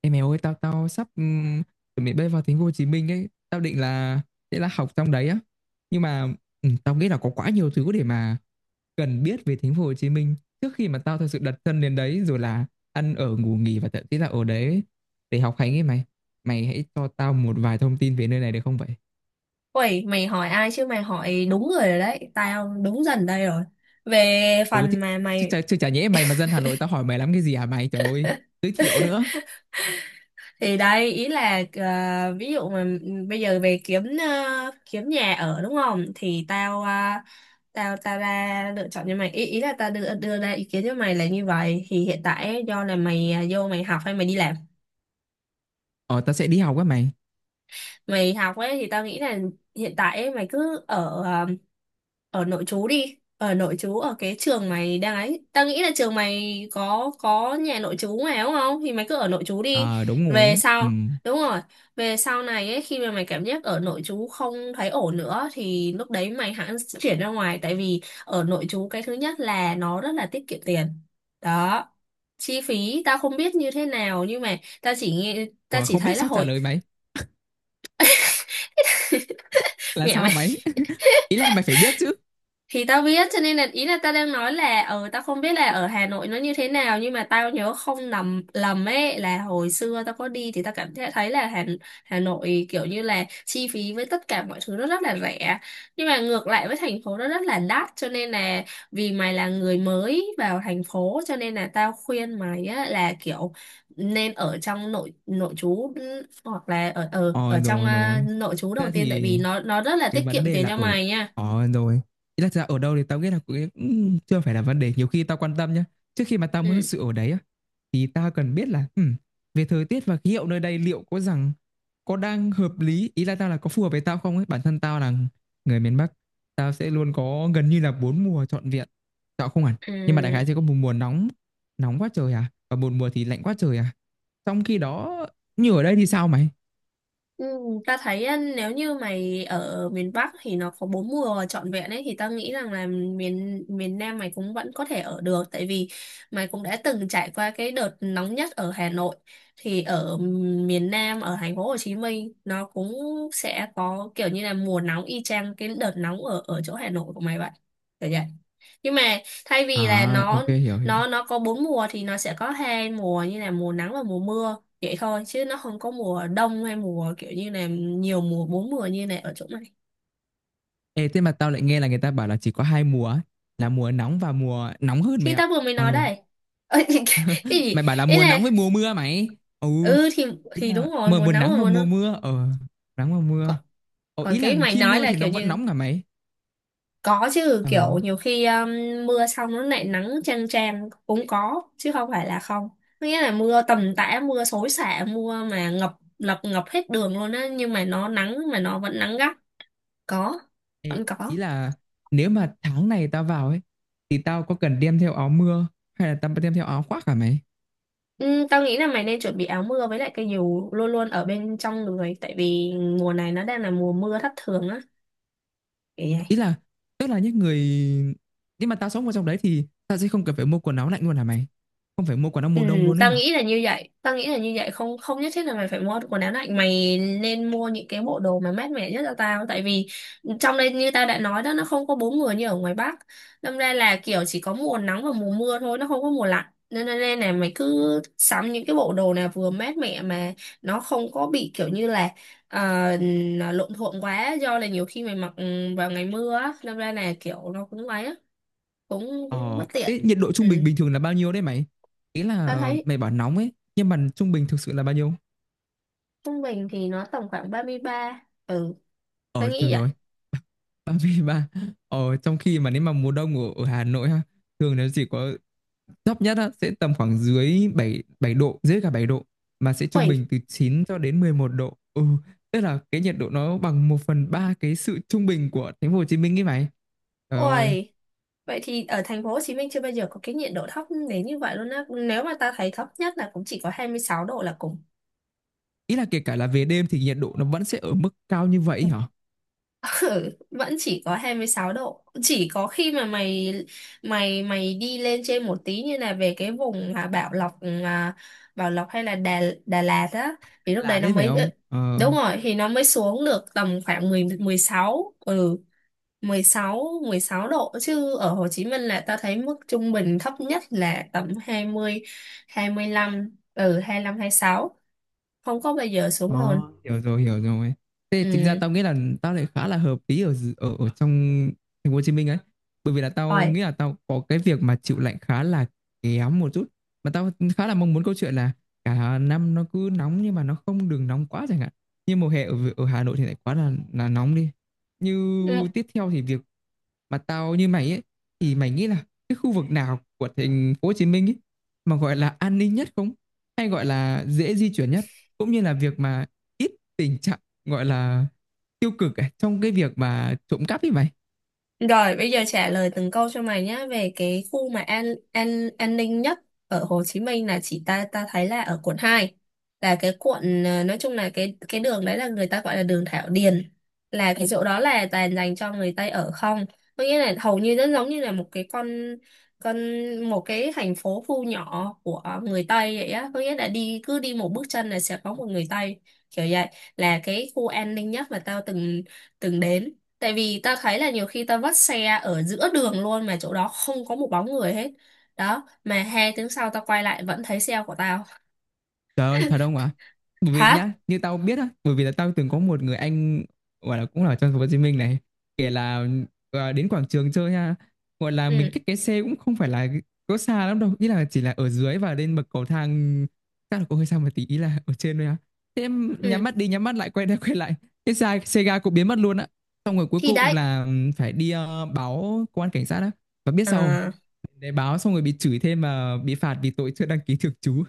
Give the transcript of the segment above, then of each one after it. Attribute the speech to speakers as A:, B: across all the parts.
A: Ê mày ơi, tao tao sắp chuẩn bị bay vào thành phố Hồ Chí Minh ấy, tao định là sẽ là học trong đấy á. Nhưng mà tao nghĩ là có quá nhiều thứ để mà cần biết về thành phố Hồ Chí Minh trước khi mà tao thật sự đặt chân đến đấy rồi là ăn ở ngủ nghỉ và thậm chí là ở đấy để học hành ấy mày. Mày hãy cho tao một vài thông tin về nơi này được không vậy?
B: Ui, mày hỏi ai chứ mày hỏi đúng người rồi đấy, tao đúng dần đây rồi. Về
A: Ừ chứ,
B: phần mà mày,
A: chứ chả nhẽ mày mà dân Hà Nội tao hỏi mày lắm cái gì hả mày? Trời ơi, giới thiệu nữa.
B: thì đấy, ý là ví dụ mà bây giờ về kiếm nhà ở, đúng không? Thì tao ờ, tao tao ra lựa chọn cho mày, ý ý là tao đưa đưa ra ý kiến cho mày là như vậy. Thì hiện tại ấy, do là mày vô mày học hay mày đi làm?
A: Ờ, tao sẽ đi học á mày.
B: Mày học ấy thì tao nghĩ là hiện tại ấy, mày cứ ở nội trú đi, ở nội trú ở cái trường mày đang ấy, tao nghĩ là trường mày có nhà nội trú mà, đúng không? Thì mày cứ ở nội trú đi.
A: Ờ, đúng rồi
B: Về
A: á. Ừ.
B: sau Đúng rồi, về sau này ấy, khi mà mày cảm giác ở nội trú không thấy ổn nữa thì lúc đấy mày hẳn chuyển ra ngoài. Tại vì ở nội trú, cái thứ nhất là nó rất là tiết kiệm tiền đó. Chi phí tao không biết như thế nào, nhưng mà tao chỉ nghe, tao
A: Ủa,
B: chỉ
A: không
B: thấy
A: biết
B: là
A: sao trả
B: hồi
A: lời mày. Là
B: mẹ
A: sao
B: mày
A: mày? Ý là mày phải biết chứ.
B: thì tao biết, cho nên là ý là tao đang nói là tao không biết là ở Hà Nội nó như thế nào, nhưng mà tao nhớ không nằm lầm ấy, là hồi xưa tao có đi thì tao cảm thấy thấy là Hà Nội kiểu như là chi phí với tất cả mọi thứ nó rất là rẻ, nhưng mà ngược lại với thành phố nó rất là đắt, cho nên là vì mày là người mới vào thành phố, cho nên là tao khuyên mày á, là kiểu nên ở trong nội nội trú, hoặc là ở ở
A: Ờ,
B: ở trong
A: rồi rồi,
B: nội trú đầu
A: thế
B: tiên, tại
A: thì
B: vì nó rất là
A: cái
B: tiết
A: vấn
B: kiệm
A: đề
B: tiền
A: là
B: cho
A: ở.
B: mày nha.
A: Ờ rồi, ý là thật ra ở đâu thì tao nghĩ là cũng cũng chưa phải là vấn đề nhiều khi tao quan tâm nhá. Trước khi mà tao
B: Ừ,
A: muốn thật sự ở đấy á thì tao cần biết là về thời tiết và khí hậu nơi đây liệu có rằng có đang hợp lý, ý là tao là có phù hợp với tao không ấy. Bản thân tao là người miền Bắc, tao sẽ luôn có gần như là bốn mùa trọn vẹn. Tao không hẳn, nhưng mà đại khái
B: ừ.
A: sẽ có một mùa nóng, nóng quá trời à, và một mùa thì lạnh quá trời à. Trong khi đó, như ở đây thì sao mày?
B: Ừ, ta thấy á, nếu như mày ở miền Bắc thì nó có bốn mùa trọn vẹn ấy, thì ta nghĩ rằng là miền miền Nam mày cũng vẫn có thể ở được. Tại vì mày cũng đã từng trải qua cái đợt nóng nhất ở Hà Nội, thì ở miền Nam, ở thành phố Hồ Chí Minh nó cũng sẽ có kiểu như là mùa nóng y chang cái đợt nóng ở ở chỗ Hà Nội của mày vậy. Kiểu vậy, nhưng mà thay vì là
A: À,
B: nó
A: ok, hiểu hiểu.
B: nó nó có bốn mùa thì nó sẽ có hai mùa như là mùa nắng và mùa mưa vậy thôi, chứ nó không có mùa đông hay mùa kiểu như là nhiều mùa, bốn mùa như này ở chỗ này.
A: Ê, thế mà tao lại nghe là người ta bảo là chỉ có hai mùa ấy, là mùa nóng và mùa nóng hơn mày
B: Khi
A: ạ.
B: ta vừa mới nói
A: Ừ,
B: đây. Ơ, cái gì?
A: mày bảo là
B: Ý
A: mùa
B: là,
A: nóng với mùa mưa mày. Ừ,
B: ừ thì
A: ý là
B: đúng rồi,
A: mùa
B: mùa
A: mùa
B: nắng
A: nắng
B: và
A: và
B: mùa
A: mùa
B: nắng.
A: mưa. Ờ, nắng và mưa.
B: Còn
A: Ờ,
B: còn
A: ý là
B: cái mày
A: khi
B: nói
A: mưa
B: là
A: thì nó
B: kiểu
A: vẫn
B: như,
A: nóng cả mày.
B: có chứ,
A: Ờ,
B: kiểu nhiều khi mưa xong nó lại nắng chang chang cũng có, chứ không phải là không. Có nghĩa là mưa tầm tã, mưa xối xả, mưa mà ngập ngập ngập hết đường luôn á, nhưng mà nó nắng, mà nó vẫn nắng gắt. Có,
A: ê,
B: vẫn có.
A: ý là nếu mà tháng này tao vào ấy thì tao có cần đem theo áo mưa hay là tao đem theo áo khoác cả mày?
B: Ừ, tao nghĩ là mày nên chuẩn bị áo mưa với lại cây dù luôn luôn ở bên trong người, tại vì mùa này nó đang là mùa mưa thất thường á. Kiểu vậy.
A: Ý là tức là những người nhưng mà tao sống ở trong đấy thì tao sẽ không cần phải mua quần áo lạnh luôn hả mày? Không phải mua quần áo
B: Ừ,
A: mùa đông luôn ấy
B: tao
A: hả?
B: nghĩ là như vậy, tao nghĩ là như vậy, không không nhất thiết là mày phải mua quần áo lạnh, mày nên mua những cái bộ đồ mà mát mẻ nhất cho tao. Tại vì trong đây như tao đã nói đó, nó không có bốn mùa như ở ngoài Bắc, đâm ra là kiểu chỉ có mùa nắng và mùa mưa thôi, nó không có mùa lạnh, nên nên nên là mày cứ sắm những cái bộ đồ nào vừa mát mẻ, mà nó không có bị kiểu như là ờ, nó lộn thuộn quá, do là nhiều khi mày mặc vào ngày mưa á, đâm ra là kiểu nó cũng ấy á, cũng cũng bất
A: Ờ,
B: tiện.
A: ê, nhiệt độ
B: Ừ.
A: trung bình bình thường là bao nhiêu đấy mày? Ý
B: Tao
A: là
B: thấy
A: mày bảo nóng ấy, nhưng mà trung bình thực sự là bao nhiêu?
B: trung bình thì nó tầm khoảng 33. Ừ tôi
A: Ờ,
B: nghĩ
A: rồi
B: vậy.
A: rồi, 33. Ờ, trong khi mà nếu mà mùa đông ở, ở Hà Nội ha, thường nó chỉ có thấp nhất á, sẽ tầm khoảng dưới 7 7 độ, dưới cả 7 độ, mà sẽ trung bình
B: Ui,
A: từ 9 cho đến 11 độ. Ừ, tức là cái nhiệt độ nó bằng một phần 3 cái sự trung bình của thành phố Hồ Chí Minh ấy mày. Trời ơi,
B: ui. Vậy thì ở thành phố Hồ Chí Minh chưa bao giờ có cái nhiệt độ thấp đến như vậy luôn á, nếu mà ta thấy thấp nhất là cũng chỉ có 26 độ là cùng.
A: ý là kể cả là về đêm thì nhiệt độ nó vẫn sẽ ở mức cao như vậy hả?
B: Ừ, vẫn chỉ có 26 độ, chỉ có khi mà mày mày mày đi lên trên một tí như là về cái vùng Bảo Lộc Bảo Lộc hay là Đà Đà Lạt á thì lúc
A: Là
B: đấy nó
A: đấy phải
B: mới
A: không? Ờ.
B: đúng rồi thì nó mới xuống được tầm khoảng 10 16, 16, 16 độ. Chứ ở Hồ Chí Minh là ta thấy mức trung bình thấp nhất là tầm 20, 25, 25, mươi sáu, không có bao giờ xuống
A: Ờ,
B: hơn.
A: hiểu rồi, hiểu rồi. Thế tính ra
B: Ừ,
A: tao nghĩ là tao lại khá là hợp lý ở ở ở trong thành phố Hồ Chí Minh ấy. Bởi vì là tao
B: rồi.
A: nghĩ là tao có cái việc mà chịu lạnh khá là kém một chút. Mà tao khá là mong muốn câu chuyện là cả năm nó cứ nóng nhưng mà nó không được nóng quá chẳng hạn. Như mùa hè ở ở Hà Nội thì lại quá là nóng đi. Như tiếp theo thì việc mà tao như mày ấy, thì mày nghĩ là cái khu vực nào của thành phố Hồ Chí Minh ấy mà gọi là an ninh nhất không? Hay gọi là dễ di chuyển nhất? Cũng như là việc mà ít tình trạng gọi là tiêu cực ấy, trong cái việc mà trộm cắp như vậy.
B: Rồi bây giờ trả lời từng câu cho mày nhé, về cái khu mà an ninh nhất ở Hồ Chí Minh là, chỉ ta ta thấy là ở Quận 2, là cái quận nói chung là cái đường đấy là người ta gọi là đường Thảo Điền, là cái chỗ đó là toàn dành cho người Tây ở không, có nghĩa là hầu như rất giống như là một cái con, con một cái thành phố, khu nhỏ của người Tây vậy á, có nghĩa là đi, cứ đi một bước chân là sẽ có một người Tây, kiểu vậy, là cái khu an ninh nhất mà tao từng từng đến. Tại vì ta thấy là nhiều khi ta vắt xe ở giữa đường luôn mà chỗ đó không có một bóng người hết. Đó, mà 2 tiếng sau ta quay lại vẫn thấy xe của tao.
A: Trời ơi, thật không ạ? Bởi vì
B: Thật.
A: nhá, như tao biết á, bởi vì là tao từng có một người anh gọi là cũng là ở trong thành phố Hồ Chí Minh này, kể là à, đến quảng trường chơi ha, gọi là mình
B: Ừ,
A: cách cái xe cũng không phải là có xa lắm đâu, ý là chỉ là ở dưới và lên bậc cầu thang chắc là cũng hơi xa một tí, ý là ở trên thôi á. Thế em nhắm
B: ừ.
A: mắt đi, nhắm mắt lại quay ra quay lại, cái xe xe ga cũng biến mất luôn á. Xong rồi cuối
B: Thì
A: cùng
B: đấy.
A: là phải đi báo công an cảnh sát á. Và biết sao không?
B: À.
A: Để báo xong rồi bị chửi thêm mà bị phạt vì tội chưa đăng ký thường trú.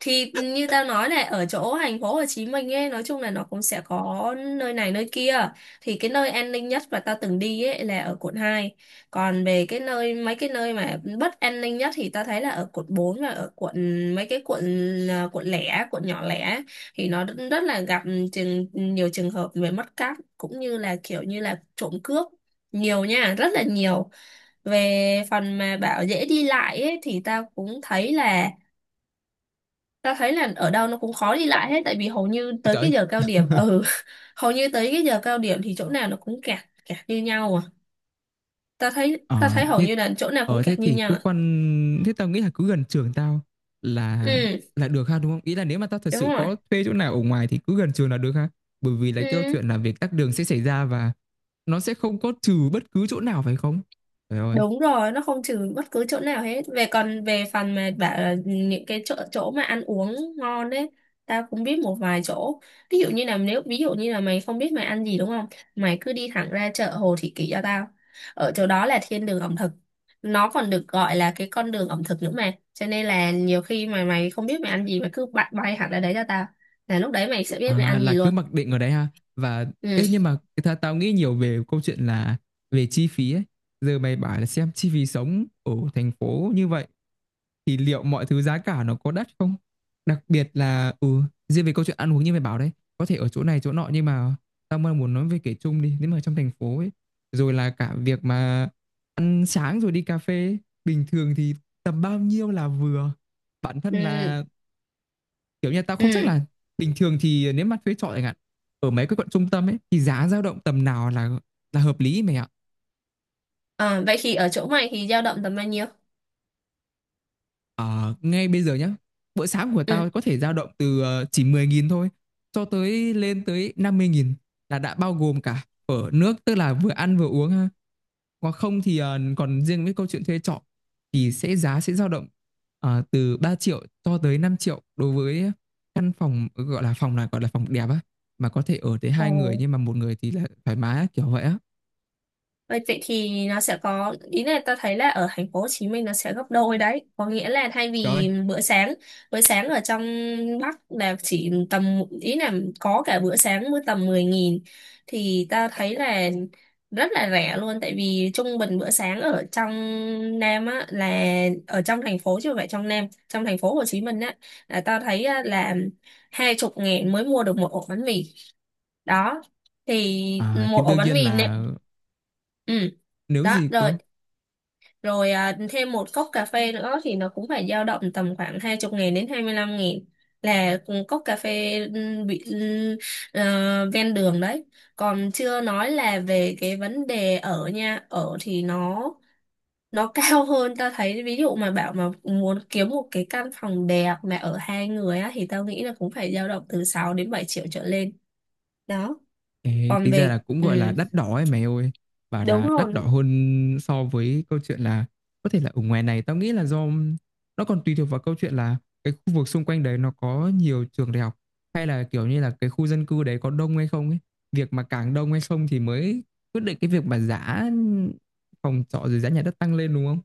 B: Thì như tao nói này, ở chỗ thành phố Hồ Chí Minh ấy, nói chung là nó cũng sẽ có nơi này nơi kia, thì cái nơi an ninh nhất mà tao từng đi ấy là ở Quận 2. Còn về cái nơi, mấy cái nơi mà bất an ninh nhất thì tao thấy là ở Quận 4 và ở quận, mấy cái quận, quận lẻ, quận nhỏ lẻ, thì nó rất rất là gặp nhiều trường hợp về mất cắp, cũng như là kiểu như là trộm cướp, nhiều nha, rất là nhiều. Về phần mà bảo dễ đi lại ấy, thì tao cũng thấy là ta thấy là ở đâu nó cũng khó đi lại hết, tại vì hầu như tới
A: Trời
B: cái
A: ơi.
B: giờ cao điểm. Ừ Hầu như tới cái giờ cao điểm thì chỗ nào nó cũng kẹt, kẹt như nhau à. ta thấy ta
A: Ờ,
B: thấy hầu
A: thế
B: như là chỗ nào cũng
A: thế
B: kẹt như
A: thì
B: nhau
A: cứ
B: à.
A: quan thế tao nghĩ là cứ gần trường tao là
B: Ừ,
A: là được ha đúng không? Ý là nếu mà tao thật
B: đúng
A: sự
B: rồi,
A: có thuê chỗ nào ở ngoài thì cứ gần trường là được ha. Bởi vì là cái câu
B: ừ.
A: chuyện là việc tắc đường sẽ xảy ra và nó sẽ không có trừ bất cứ chỗ nào phải không? Trời ơi.
B: Đúng rồi, nó không trừ bất cứ chỗ nào hết. Về, còn về phần mà bảo là những cái chỗ chỗ mà ăn uống ngon đấy, tao cũng biết một vài chỗ. Ví dụ như là, nếu ví dụ như là mày không biết mày ăn gì, đúng không? Mày cứ đi thẳng ra chợ Hồ Thị Kỷ cho tao. Ở chỗ đó là thiên đường ẩm thực. Nó còn được gọi là cái con đường ẩm thực nữa mà. Cho nên là nhiều khi mà mày không biết mày ăn gì, mày cứ bay hẳn ra đấy cho tao. Là lúc đấy mày sẽ biết mày
A: À,
B: ăn
A: là
B: gì
A: cứ
B: luôn.
A: mặc định ở đấy ha. Và
B: Ừ.
A: ê nhưng mà tao nghĩ nhiều về câu chuyện là về chi phí ấy. Giờ mày bảo là xem chi phí sống ở thành phố như vậy thì liệu mọi thứ giá cả nó có đắt không? Đặc biệt là riêng về câu chuyện ăn uống như mày bảo đấy, có thể ở chỗ này chỗ nọ nhưng mà tao mới muốn nói về kể chung đi, nếu mà trong thành phố ấy, rồi là cả việc mà ăn sáng rồi đi cà phê ấy, bình thường thì tầm bao nhiêu là vừa? Bản thân
B: Ừ.
A: là kiểu như tao không chắc
B: Ừ.
A: là bình thường thì nếu mà thuê trọ chẳng hạn, ở mấy cái quận trung tâm ấy thì giá dao động tầm nào là hợp lý mày ạ?
B: Ờ, vậy thì ở chỗ mày thì dao động tầm bao nhiêu?
A: Ờ, ngay bây giờ nhá, bữa sáng của
B: Ừ.
A: tao có thể dao động từ chỉ 10.000 thôi cho tới lên tới 50.000, là đã bao gồm cả ở nước tức là vừa ăn vừa uống ha. Còn không thì còn riêng với câu chuyện thuê trọ thì sẽ giá sẽ dao động từ 3 triệu cho tới 5 triệu đối với căn phòng gọi là phòng là gọi là phòng đẹp á mà có thể ở tới hai người
B: Ồ.
A: nhưng mà một người thì là thoải mái á, kiểu vậy á.
B: Vậy vậy thì nó sẽ có, ý là ta thấy là ở thành phố Hồ Chí Minh nó sẽ gấp đôi đấy, có nghĩa là thay
A: Trời ơi.
B: vì bữa sáng ở trong Bắc là chỉ tầm, ý là có cả bữa sáng mới tầm 10.000 thì ta thấy là rất là rẻ luôn. Tại vì trung bình bữa sáng ở trong Nam á là ở trong thành phố, chứ không phải trong Nam, trong thành phố Hồ Chí Minh á, là ta thấy á, là 20.000 mới mua được một ổ bánh mì đó. Thì
A: Ờ,
B: một
A: thì
B: ổ
A: đương
B: bánh
A: nhiên
B: mì nè,
A: là
B: ừ,
A: nếu
B: đó,
A: gì
B: rồi,
A: cơ.
B: rồi, à, thêm một cốc cà phê nữa thì nó cũng phải dao động tầm khoảng 20 nghìn đến 25 nghìn là cùng cốc cà phê, ven đường đấy. Còn chưa nói là về cái vấn đề ở nha, ở thì nó cao hơn. Ta thấy, ví dụ mà bảo mà muốn kiếm một cái căn phòng đẹp mà ở hai người á thì tao nghĩ là cũng phải dao động từ 6 đến 7 triệu trở lên đó.
A: Ê,
B: Còn
A: tính ra
B: về,
A: là cũng gọi là đắt đỏ ấy mày ơi, bảo
B: đúng
A: là đắt đỏ
B: rồi.
A: hơn so với câu chuyện là có thể là ở ngoài này tao nghĩ là do nó còn tùy thuộc vào câu chuyện là cái khu vực xung quanh đấy nó có nhiều trường đại học hay là kiểu như là cái khu dân cư đấy có đông hay không ấy, việc mà càng đông hay không thì mới quyết định cái việc mà giá phòng trọ rồi giá nhà đất tăng lên đúng không.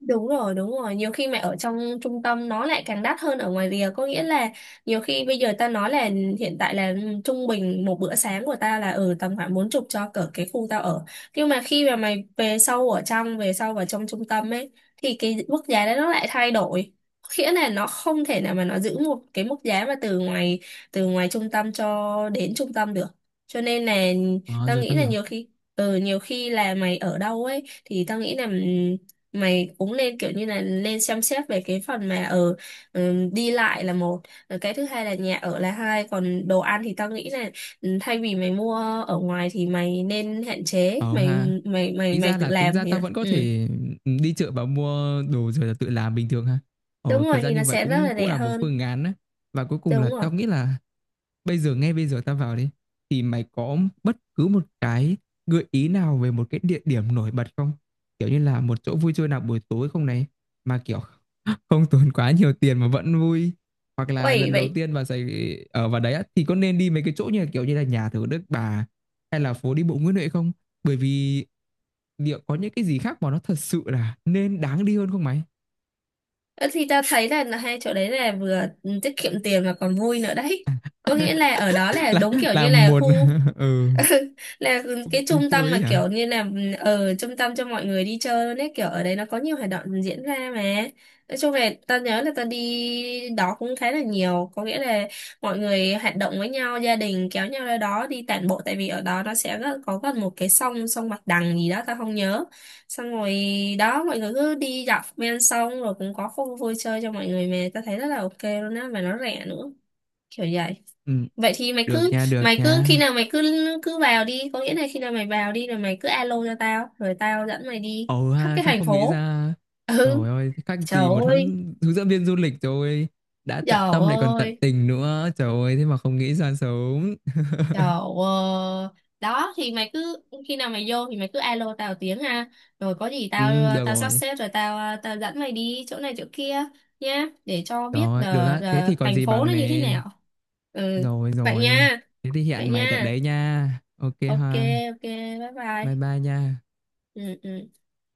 B: Đúng rồi, đúng rồi. Nhiều khi mà ở trong trung tâm nó lại càng đắt hơn ở ngoài rìa. Có nghĩa là nhiều khi bây giờ ta nói là hiện tại là, trung bình một bữa sáng của ta là ở tầm khoảng 40 cho cỡ cái khu tao ở. Nhưng mà khi mà mày về sâu ở trong, về sâu vào trong trung tâm ấy, thì cái mức giá đó nó lại thay đổi. Có nghĩa là nó không thể nào mà nó giữ một cái mức giá mà từ ngoài, trung tâm cho đến trung tâm được. Cho nên là
A: Ờ
B: tao
A: rồi,
B: nghĩ
A: tao
B: là
A: hiểu.
B: nhiều khi là mày ở đâu ấy, thì tao nghĩ là mày cũng lên kiểu như là lên xem xét về cái phần mà ở, đi lại là một. Rồi cái thứ hai là nhà ở là hai, còn đồ ăn thì tao nghĩ là thay vì mày mua ở ngoài thì mày nên hạn chế
A: Ờ
B: mày,
A: ha.
B: mày mày
A: Ý
B: mày
A: ra
B: tự
A: là tính
B: làm
A: ra
B: thì.
A: tao vẫn có
B: Ừ.
A: thể, ừ, đi chợ và mua đồ rồi là tự làm bình thường ha.
B: Đúng
A: Ờ,
B: rồi
A: cái ra
B: thì
A: như
B: nó
A: vậy
B: sẽ rất
A: cũng
B: là
A: cũng
B: rẻ
A: là một
B: hơn.
A: phương án á. Và cuối cùng là
B: Đúng rồi.
A: tao nghĩ là bây giờ ngay bây giờ tao vào đi, thì mày có bất cứ một cái gợi ý nào về một cái địa điểm nổi bật không? Kiểu như là một chỗ vui chơi nào buổi tối không này, mà, kiểu, không tốn quá nhiều tiền mà vẫn vui. Hoặc là
B: Ôi
A: lần đầu
B: vậy.
A: tiên vào Sài ở vào đấy á, thì có nên đi mấy cái chỗ như là, kiểu như là, nhà thờ Đức Bà hay là phố đi bộ Nguyễn Huệ không? Bởi vì liệu có những cái gì khác mà nó thật sự là nên đáng đi hơn không mày?
B: Ơ, thì tao thấy là hai chỗ đấy là vừa tiết kiệm tiền mà còn vui nữa đấy. Có nghĩa là ở đó là đúng kiểu
A: Là
B: như là
A: một
B: khu,
A: ừ,
B: là cái
A: đi
B: trung
A: chơi
B: tâm, mà
A: ấy hả?
B: kiểu như là ở trung tâm cho mọi người đi chơi luôn ấy, kiểu ở đấy nó có nhiều hoạt động diễn ra mà. Nói chung là ta nhớ là ta đi đó cũng khá là nhiều, có nghĩa là mọi người hoạt động với nhau, gia đình kéo nhau ra đó đi tản bộ, tại vì ở đó nó sẽ có gần một cái sông sông Bạch Đằng gì đó, ta không nhớ. Xong rồi đó, mọi người cứ đi dọc ven sông rồi cũng có khu vui chơi cho mọi người, mà ta thấy rất là ok luôn á, mà nó rẻ nữa. Kiểu vậy.
A: Ừm,
B: Vậy thì mày
A: được
B: cứ,
A: nha, được
B: khi
A: nha.
B: nào mày cứ cứ vào đi, có nghĩa là khi nào mày vào đi rồi mày cứ alo cho tao rồi tao dẫn mày đi
A: Ồ
B: khắp
A: ha,
B: cái
A: sao
B: thành
A: không nghĩ
B: phố.
A: ra?
B: Ừ.
A: Trời ơi, thế
B: Trời
A: gì một
B: ơi.
A: huấn hướng dẫn viên du lịch rồi, đã tận
B: Trời
A: tâm lại còn tận
B: ơi.
A: tình nữa. Trời ơi, thế mà không nghĩ ra sớm.
B: Trời ơi. Đó thì mày cứ, khi nào mày vô thì mày cứ alo tao tiếng ha, rồi có gì tao
A: Được
B: tao sắp
A: rồi.
B: xếp rồi tao tao dẫn mày đi chỗ này chỗ kia nhá, để cho
A: Trời
B: biết
A: ơi, được
B: là
A: á, thế
B: là
A: thì còn
B: thành
A: gì
B: phố
A: bằng
B: nó như thế
A: nè.
B: nào. Ừ.
A: Rồi
B: Vậy
A: rồi,
B: nha.
A: thế thì
B: Vậy
A: hẹn mày tại
B: nha.
A: đấy nha. Ok
B: Ok.
A: ha,
B: Ok. Bye
A: bye
B: bye.
A: bye nha.
B: Ừ, ừ.